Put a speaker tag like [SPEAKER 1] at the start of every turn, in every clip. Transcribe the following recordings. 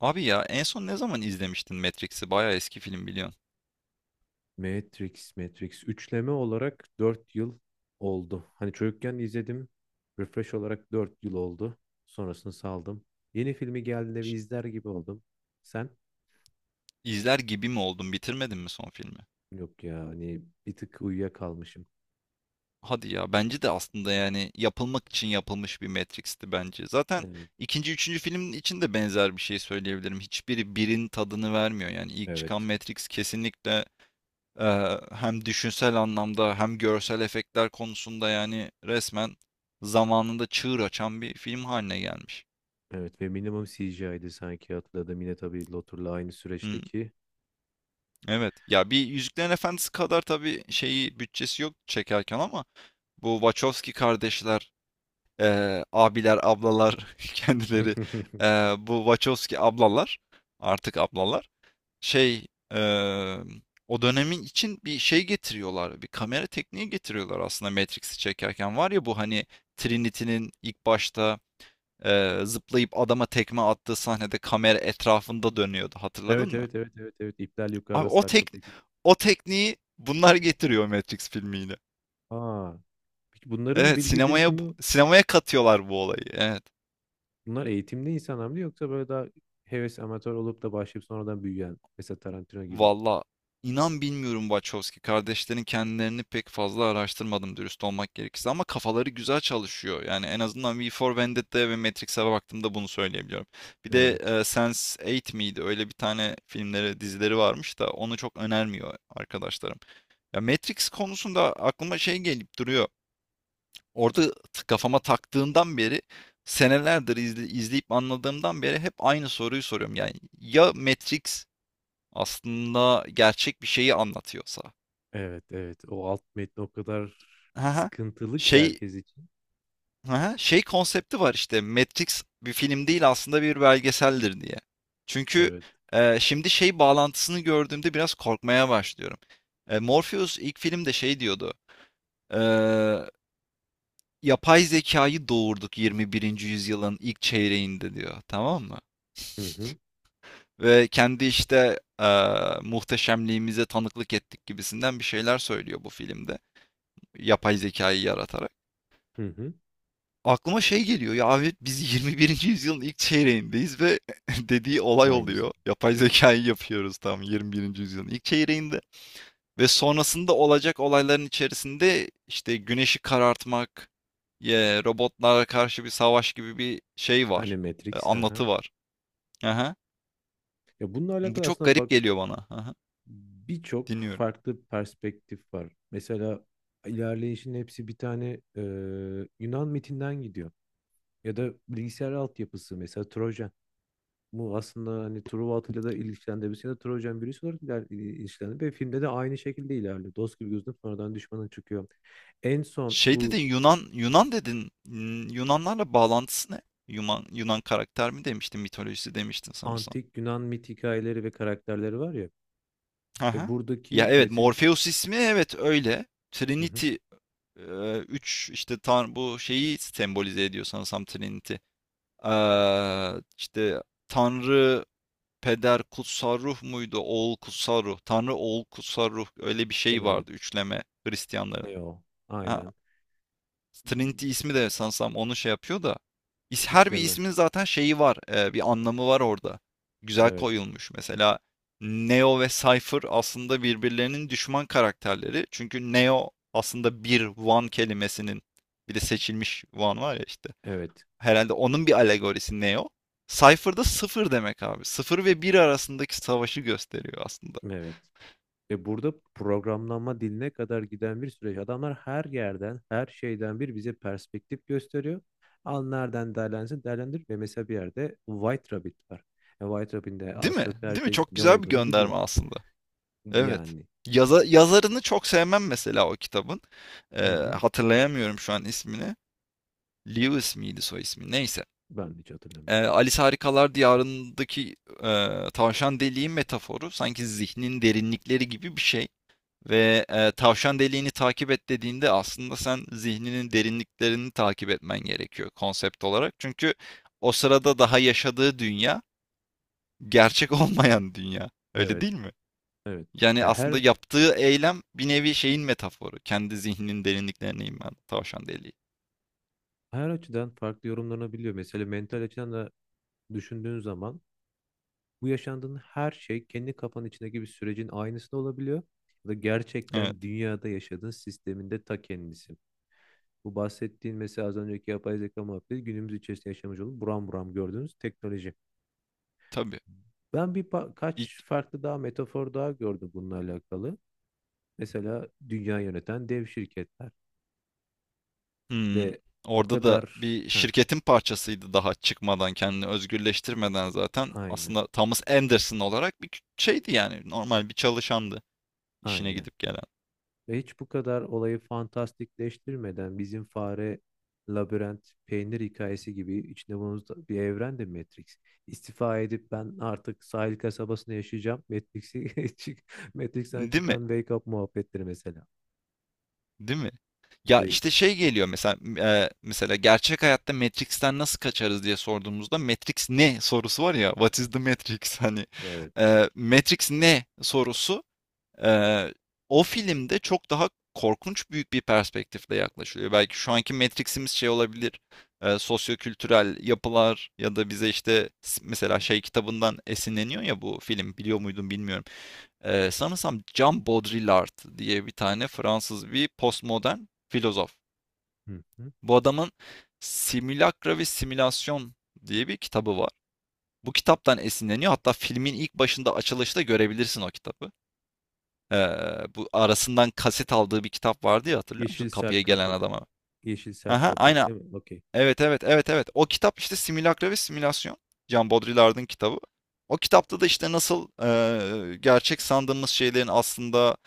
[SPEAKER 1] Abi ya en son ne zaman izlemiştin Matrix'i? Bayağı eski film biliyorsun.
[SPEAKER 2] Matrix, Matrix. Üçleme olarak 4 yıl oldu. Hani çocukken izledim. Refresh olarak 4 yıl oldu. Sonrasını saldım. Yeni filmi geldiğinde bir izler gibi oldum. Sen?
[SPEAKER 1] İzler gibi mi oldun? Bitirmedin mi son filmi?
[SPEAKER 2] Yok ya hani bir tık uyuyakalmışım.
[SPEAKER 1] Hadi ya bence de aslında yani yapılmak için yapılmış bir Matrix'ti bence. Zaten
[SPEAKER 2] Evet.
[SPEAKER 1] ikinci, üçüncü filmin için de benzer bir şey söyleyebilirim. Hiçbiri birin tadını vermiyor. Yani ilk çıkan
[SPEAKER 2] Evet.
[SPEAKER 1] Matrix kesinlikle e, hem düşünsel anlamda hem görsel efektler konusunda yani resmen zamanında çığır açan bir film haline gelmiş.
[SPEAKER 2] Evet ve minimum CGI'di sanki hatırladım. Yine tabii Lotur'la aynı süreçteki.
[SPEAKER 1] Evet. Ya bir Yüzüklerin Efendisi kadar tabii şeyi bütçesi yok çekerken ama bu Wachowski kardeşler, abiler, ablalar kendileri bu Wachowski ablalar artık ablalar şey eee, o dönemin için bir şey getiriyorlar. Bir kamera tekniği getiriyorlar aslında Matrix'i çekerken. Var ya bu hani Trinity'nin ilk başta zıplayıp adama tekme attığı sahnede kamera etrafında dönüyordu. Hatırladın
[SPEAKER 2] Evet,
[SPEAKER 1] mı?
[SPEAKER 2] evet, evet, evet, evet. İpler
[SPEAKER 1] Abi
[SPEAKER 2] yukarıda
[SPEAKER 1] o
[SPEAKER 2] sarkıp.
[SPEAKER 1] tek o tekniği bunlar getiriyor Matrix filmi yine.
[SPEAKER 2] Aa, peki bunların
[SPEAKER 1] Evet
[SPEAKER 2] bilgi
[SPEAKER 1] sinemaya
[SPEAKER 2] birikimi.
[SPEAKER 1] sinemaya katıyorlar bu olayı. Evet.
[SPEAKER 2] Bunlar eğitimli insanlar mı yoksa böyle daha heves amatör olup da başlayıp sonradan büyüyen mesela Tarantino gibi.
[SPEAKER 1] Valla inan bilmiyorum Wachowski kardeşlerin kendilerini pek fazla araştırmadım dürüst olmak gerekirse ama kafaları güzel çalışıyor. Yani en azından V for Vendetta'ya ve Matrix'e baktığımda bunu söyleyebiliyorum. Bir de
[SPEAKER 2] Evet.
[SPEAKER 1] sense Eight miydi? Öyle bir tane filmleri, dizileri varmış da onu çok önermiyor arkadaşlarım. Ya Matrix konusunda aklıma şey gelip duruyor. Orada kafama taktığından beri senelerdir izleyip anladığımdan beri hep aynı soruyu soruyorum. Yani ya Matrix aslında gerçek bir şeyi anlatıyorsa.
[SPEAKER 2] Evet, evet. O alt metni o kadar
[SPEAKER 1] Hı.
[SPEAKER 2] sıkıntılı ki
[SPEAKER 1] Şey.
[SPEAKER 2] herkes için.
[SPEAKER 1] Hı. Şey konsepti var işte Matrix bir film değil aslında bir belgeseldir diye. Çünkü,
[SPEAKER 2] Evet.
[SPEAKER 1] eee, şimdi şey bağlantısını gördüğümde biraz korkmaya başlıyorum. Morpheus ilk filmde şey diyordu, eee, "Yapay zekayı doğurduk 21. yüzyılın ilk çeyreğinde." diyor, tamam mı?
[SPEAKER 2] Hı hı.
[SPEAKER 1] Ve kendi işte muhteşemliğimize tanıklık ettik gibisinden bir şeyler söylüyor bu filmde. Yapay zekayı yaratarak.
[SPEAKER 2] Hı hı.
[SPEAKER 1] Aklıma şey geliyor ya abi biz 21. yüzyılın ilk çeyreğindeyiz ve dediği olay
[SPEAKER 2] Aynısı.
[SPEAKER 1] oluyor. Yapay zekayı yapıyoruz tam 21. yüzyılın ilk çeyreğinde. Ve sonrasında olacak olayların içerisinde işte güneşi karartmak, robotlara karşı bir savaş gibi bir şey
[SPEAKER 2] Hani
[SPEAKER 1] var.
[SPEAKER 2] Matrix. Hı
[SPEAKER 1] Anlatı
[SPEAKER 2] hı.
[SPEAKER 1] var. Aha.
[SPEAKER 2] Ya bununla
[SPEAKER 1] Bu
[SPEAKER 2] alakalı
[SPEAKER 1] çok
[SPEAKER 2] aslında
[SPEAKER 1] garip
[SPEAKER 2] bak
[SPEAKER 1] geliyor bana. Aha.
[SPEAKER 2] birçok
[SPEAKER 1] Dinliyorum.
[SPEAKER 2] farklı perspektif var. Mesela ilerleyişin hepsi bir tane Yunan mitinden gidiyor. Ya da bilgisayar altyapısı mesela Trojan. Bu aslında hani Truva Atilla da ilişkilendirmesiyle Trojan birisi olarak ilişkilendi ve filmde de aynı şekilde ilerliyor. Dost gibi gözünüp sonradan düşmana çıkıyor. En son
[SPEAKER 1] Şey dedin
[SPEAKER 2] bu
[SPEAKER 1] Yunan dedin. Hmm, Yunanlarla bağlantısı ne? Yunan karakter mi demiştin, mitolojisi demiştin sanırsam.
[SPEAKER 2] antik Yunan mit hikayeleri ve karakterleri var ya. Ve
[SPEAKER 1] Aha. Ya
[SPEAKER 2] buradaki
[SPEAKER 1] evet
[SPEAKER 2] Mesih.
[SPEAKER 1] Morpheus ismi evet öyle.
[SPEAKER 2] Hı hı.
[SPEAKER 1] Trinity 3 işte tan bu şeyi sembolize ediyor sanırsam Trinity. İşte Tanrı Peder Kutsal Ruh muydu? Oğul Kutsal Ruh. Tanrı Oğul Kutsal Ruh öyle bir şey
[SPEAKER 2] Kenar.
[SPEAKER 1] vardı üçleme Hristiyanların.
[SPEAKER 2] Ne o?
[SPEAKER 1] Ha,
[SPEAKER 2] Aynen.
[SPEAKER 1] Trinity ismi de sanırsam onu şey yapıyor da. Her bir
[SPEAKER 2] Üçleme.
[SPEAKER 1] ismin zaten şeyi var. Bir anlamı var orada. Güzel
[SPEAKER 2] Evet.
[SPEAKER 1] koyulmuş. Mesela Neo ve Cypher aslında birbirlerinin düşman karakterleri. Çünkü Neo aslında bir One kelimesinin bir de seçilmiş One var ya işte.
[SPEAKER 2] Evet.
[SPEAKER 1] Herhalde onun bir alegorisi Neo. Cypher da sıfır demek abi. Sıfır ve bir arasındaki savaşı gösteriyor aslında.
[SPEAKER 2] Evet. Ve burada programlanma diline kadar giden bir süreç. Adamlar her yerden, her şeyden bir bize perspektif gösteriyor. Al nereden değerlensin, değerlendir. Ve mesela bir yerde White Rabbit var. White Rabbit'in de
[SPEAKER 1] Değil
[SPEAKER 2] az
[SPEAKER 1] mi?
[SPEAKER 2] çok
[SPEAKER 1] Değil mi?
[SPEAKER 2] herkes
[SPEAKER 1] Çok
[SPEAKER 2] ne
[SPEAKER 1] güzel bir
[SPEAKER 2] olduğunu
[SPEAKER 1] gönderme
[SPEAKER 2] biliyor.
[SPEAKER 1] aslında. Evet.
[SPEAKER 2] Yani.
[SPEAKER 1] Yazarını çok sevmem mesela o kitabın. Eee,
[SPEAKER 2] Hı hı.
[SPEAKER 1] Hatırlayamıyorum şu an ismini. Lewis miydi soy ismi? Neyse.
[SPEAKER 2] Ben hiç hatırlamıyorum.
[SPEAKER 1] Alice Harikalar Diyarı'ndaki tavşan deliği metaforu sanki zihnin derinlikleri gibi bir şey. Ve tavşan deliğini takip et dediğinde aslında sen zihninin derinliklerini takip etmen gerekiyor konsept olarak. Çünkü o sırada daha yaşadığı dünya gerçek olmayan dünya. Öyle
[SPEAKER 2] Evet.
[SPEAKER 1] değil mi?
[SPEAKER 2] Evet.
[SPEAKER 1] Yani
[SPEAKER 2] Ya
[SPEAKER 1] aslında
[SPEAKER 2] her
[SPEAKER 1] yaptığı eylem bir nevi şeyin metaforu. Kendi zihninin derinliklerine inen tavşan deliği.
[SPEAKER 2] her açıdan farklı yorumlanabiliyor. Mesela mental açıdan da düşündüğün zaman, bu yaşandığın her şey kendi kafanın içindeki bir sürecin aynısı da olabiliyor. Ya da
[SPEAKER 1] Evet,
[SPEAKER 2] gerçekten dünyada yaşadığın sisteminde ta kendisi. Bu bahsettiğin mesela az önceki yapay zeka muhabbeti günümüz içerisinde yaşamış olup buram buram gördüğünüz teknoloji.
[SPEAKER 1] tabii.
[SPEAKER 2] Ben bir
[SPEAKER 1] İlk,
[SPEAKER 2] kaç farklı daha metafor daha gördüm bununla alakalı. Mesela dünya yöneten dev şirketler
[SPEAKER 1] hımm,
[SPEAKER 2] ve o
[SPEAKER 1] orada da
[SPEAKER 2] kadar.
[SPEAKER 1] bir
[SPEAKER 2] Ha,
[SPEAKER 1] şirketin parçasıydı daha çıkmadan, kendini özgürleştirmeden zaten.
[SPEAKER 2] aynen,
[SPEAKER 1] Aslında Thomas Anderson olarak bir şeydi yani normal bir çalışandı işine
[SPEAKER 2] aynen.
[SPEAKER 1] gidip gelen.
[SPEAKER 2] Ve hiç bu kadar olayı fantastikleştirmeden bizim fare, labirent, peynir hikayesi gibi içinde bulunduğumuz bir evrende Matrix. İstifa edip ben artık sahil kasabasında yaşayacağım. Matrix'i Matrix'ten
[SPEAKER 1] Değil mi?
[SPEAKER 2] çıkan Wake Up muhabbetleri mesela.
[SPEAKER 1] Değil mi? Ya
[SPEAKER 2] Ve
[SPEAKER 1] işte şey geliyor mesela mesela gerçek hayatta Matrix'ten nasıl kaçarız diye sorduğumuzda Matrix ne sorusu var ya What is the Matrix hani
[SPEAKER 2] evet.
[SPEAKER 1] Matrix ne sorusu e, o filmde çok daha korkunç büyük bir perspektifle yaklaşılıyor. Belki şu anki Matrix'imiz şey olabilir sosyokültürel yapılar ya da bize işte
[SPEAKER 2] Hı
[SPEAKER 1] mesela şey kitabından esinleniyor ya bu film biliyor muydun bilmiyorum. Sanırsam Jean Baudrillard diye bir tane Fransız bir postmodern filozof.
[SPEAKER 2] hı.
[SPEAKER 1] Bu adamın Simülakra ve Simülasyon diye bir kitabı var. Bu kitaptan esinleniyor. Hatta filmin ilk başında açılışta görebilirsin o kitabı. Ee, Bu arasından kaset aldığı bir kitap vardı ya hatırlıyor musun?
[SPEAKER 2] Yeşil
[SPEAKER 1] Kapıya
[SPEAKER 2] sert
[SPEAKER 1] gelen
[SPEAKER 2] kapak.
[SPEAKER 1] adama.
[SPEAKER 2] Yeşil sert
[SPEAKER 1] Aha,
[SPEAKER 2] kapak
[SPEAKER 1] aynen.
[SPEAKER 2] değil mi? Okey.
[SPEAKER 1] Evet evet evet evet. O kitap işte Simülakra ve Simülasyon. Jean Baudrillard'ın kitabı. O kitapta da işte nasıl gerçek sandığımız şeylerin aslında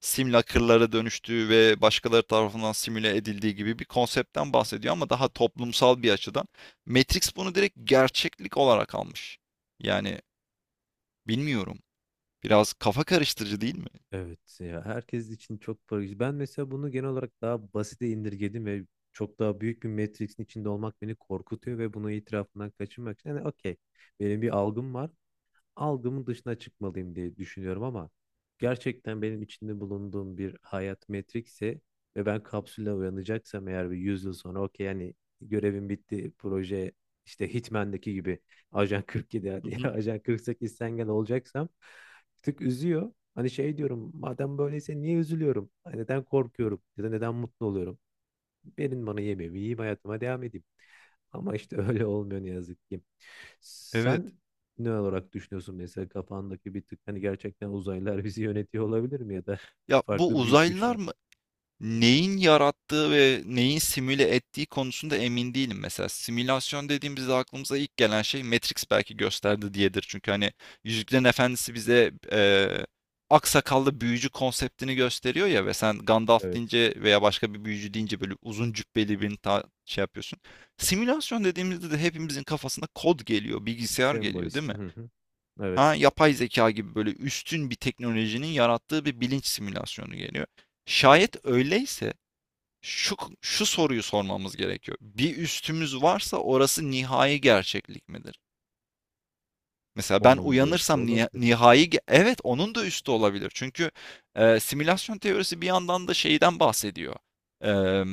[SPEAKER 1] simülakırlara dönüştüğü ve başkaları tarafından simüle edildiği gibi bir konseptten bahsediyor ama daha toplumsal bir açıdan. Matrix bunu direkt gerçeklik olarak almış. Yani bilmiyorum. Biraz kafa karıştırıcı değil mi?
[SPEAKER 2] Evet ya herkes için çok farklı. Ben mesela bunu genel olarak daha basite indirgedim ve çok daha büyük bir Matrix'in içinde olmak beni korkutuyor ve bunu itirafından kaçınmak için. Yani okey, benim bir algım var, algımın dışına çıkmalıyım diye düşünüyorum ama gerçekten benim içinde bulunduğum bir hayat metrikse ve ben kapsülle uyanacaksam eğer bir 100 yıl sonra, okey yani, görevim bitti, proje, işte Hitman'daki gibi Ajan 47
[SPEAKER 1] Hı
[SPEAKER 2] hadi,
[SPEAKER 1] hı.
[SPEAKER 2] Ajan 48 sen gel, olacaksam bir tık üzüyor. Hani şey diyorum madem böyleyse niye üzülüyorum? Hani, neden korkuyorum ya da neden mutlu oluyorum? Verin bana yemeğimi, yiyeyim hayatıma devam edeyim. Ama işte öyle olmuyor ne yazık ki.
[SPEAKER 1] Evet.
[SPEAKER 2] Sen ne olarak düşünüyorsun mesela kafandaki bir tık hani gerçekten uzaylılar bizi yönetiyor olabilir mi ya da
[SPEAKER 1] Ya bu
[SPEAKER 2] farklı büyük
[SPEAKER 1] uzaylılar
[SPEAKER 2] güçler?
[SPEAKER 1] mı? Neyin yarattığı ve neyin simüle ettiği konusunda emin değilim. Mesela simülasyon dediğimizde aklımıza ilk gelen şey Matrix belki gösterdi diyedir. Çünkü hani Yüzüklerin Efendisi bize aksakallı büyücü konseptini gösteriyor ya ve sen Gandalf
[SPEAKER 2] Evet.
[SPEAKER 1] deyince veya başka bir büyücü deyince böyle uzun cübbeli birini şey yapıyorsun. Simülasyon dediğimizde de hepimizin kafasına kod geliyor, bilgisayar geliyor değil
[SPEAKER 2] Sembolist.
[SPEAKER 1] mi?
[SPEAKER 2] Hı hı. Evet.
[SPEAKER 1] Ha, yapay zeka gibi böyle üstün bir teknolojinin yarattığı bir bilinç simülasyonu geliyor. Şayet öyleyse şu, şu soruyu sormamız gerekiyor. Bir üstümüz varsa orası nihai gerçeklik midir? Mesela ben
[SPEAKER 2] Onun da üstü
[SPEAKER 1] uyanırsam
[SPEAKER 2] olabilir.
[SPEAKER 1] evet onun da üstü olabilir. Çünkü simülasyon teorisi bir yandan da şeyden bahsediyor. Eee,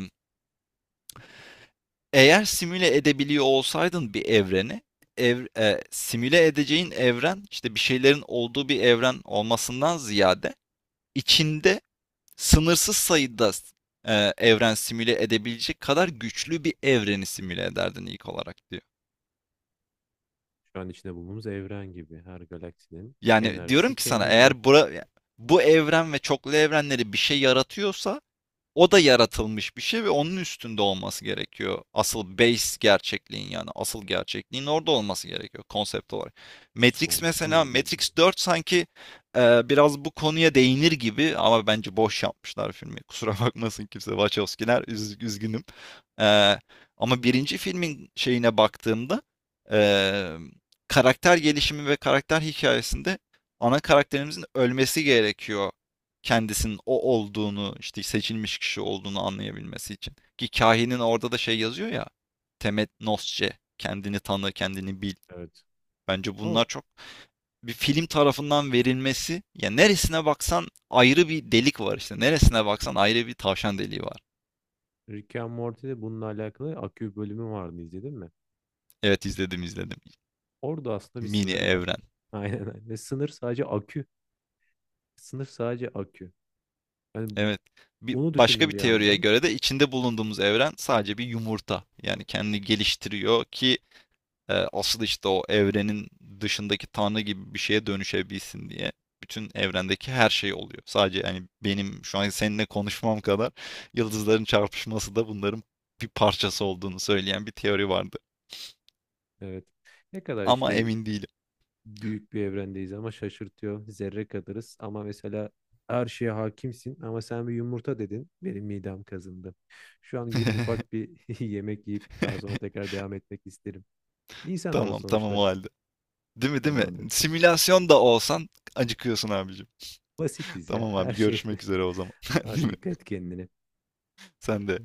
[SPEAKER 1] Eğer simüle edebiliyor olsaydın bir evreni simüle edeceğin evren işte bir şeylerin olduğu bir evren olmasından ziyade içinde sınırsız sayıda evren simüle edebilecek kadar güçlü bir evreni simüle ederdin ilk olarak diyor.
[SPEAKER 2] Şu an içinde bulunduğumuz evren gibi her galaksinin
[SPEAKER 1] Yani diyorum
[SPEAKER 2] enerjisi
[SPEAKER 1] ki sana
[SPEAKER 2] kendinde.
[SPEAKER 1] eğer bu evren ve çoklu evrenleri bir şey yaratıyorsa o da yaratılmış bir şey ve onun üstünde olması gerekiyor. Asıl base gerçekliğin yani asıl gerçekliğin orada olması gerekiyor konsept olarak. Matrix mesela
[SPEAKER 2] Sonsuz bir.
[SPEAKER 1] Matrix 4 sanki biraz bu konuya değinir gibi ama bence boş yapmışlar filmi. Kusura bakmasın kimse Wachowskiler üzgünüm. E, Ama birinci filmin şeyine baktığımda e, karakter gelişimi ve karakter hikayesinde ana karakterimizin ölmesi gerekiyor kendisinin o olduğunu, işte seçilmiş kişi olduğunu anlayabilmesi için. Ki kahinin orada da şey yazıyor ya. Temet nosce, kendini tanı, kendini bil.
[SPEAKER 2] Evet.
[SPEAKER 1] Bence bunlar
[SPEAKER 2] O,
[SPEAKER 1] çok bir film tarafından verilmesi. Ya neresine baksan ayrı bir delik var işte. Neresine baksan ayrı bir tavşan deliği var.
[SPEAKER 2] Rick and Morty'de bununla alakalı akü bölümü vardı, izledin mi?
[SPEAKER 1] Evet izledim izledim.
[SPEAKER 2] Orada aslında bir
[SPEAKER 1] Mini
[SPEAKER 2] sınır var.
[SPEAKER 1] evren.
[SPEAKER 2] Aynen, aynen. Ve sınır sadece akü. Sınır sadece akü. Yani
[SPEAKER 1] Evet. Bir,
[SPEAKER 2] onu
[SPEAKER 1] başka
[SPEAKER 2] düşündüm
[SPEAKER 1] bir
[SPEAKER 2] bir
[SPEAKER 1] teoriye
[SPEAKER 2] yandan.
[SPEAKER 1] göre de içinde bulunduğumuz evren sadece bir yumurta. Yani kendini geliştiriyor ki asıl işte o evrenin dışındaki tanrı gibi bir şeye dönüşebilsin diye bütün evrendeki her şey oluyor. Sadece yani benim şu an seninle konuşmam kadar yıldızların çarpışması da bunların bir parçası olduğunu söyleyen bir teori vardı.
[SPEAKER 2] Evet. Ne kadar
[SPEAKER 1] Ama
[SPEAKER 2] işte
[SPEAKER 1] emin değilim.
[SPEAKER 2] büyük bir evrendeyiz ama şaşırtıyor. Zerre kadarız ama mesela her şeye hakimsin ama sen bir yumurta dedin. Benim midem kazındı. Şu an gidip ufak bir yemek yiyip daha sonra tekrar devam etmek isterim. İnsanoğlu
[SPEAKER 1] Tamam tamam
[SPEAKER 2] sonuçta
[SPEAKER 1] o halde. Değil mi değil mi?
[SPEAKER 2] tamamdır.
[SPEAKER 1] Simülasyon da olsan acıkıyorsun abicim.
[SPEAKER 2] Basitiz ya
[SPEAKER 1] Tamam
[SPEAKER 2] her
[SPEAKER 1] abi
[SPEAKER 2] şey.
[SPEAKER 1] görüşmek üzere o zaman. Değil
[SPEAKER 2] Hadi
[SPEAKER 1] mi?
[SPEAKER 2] dikkat et kendine.
[SPEAKER 1] Sen de.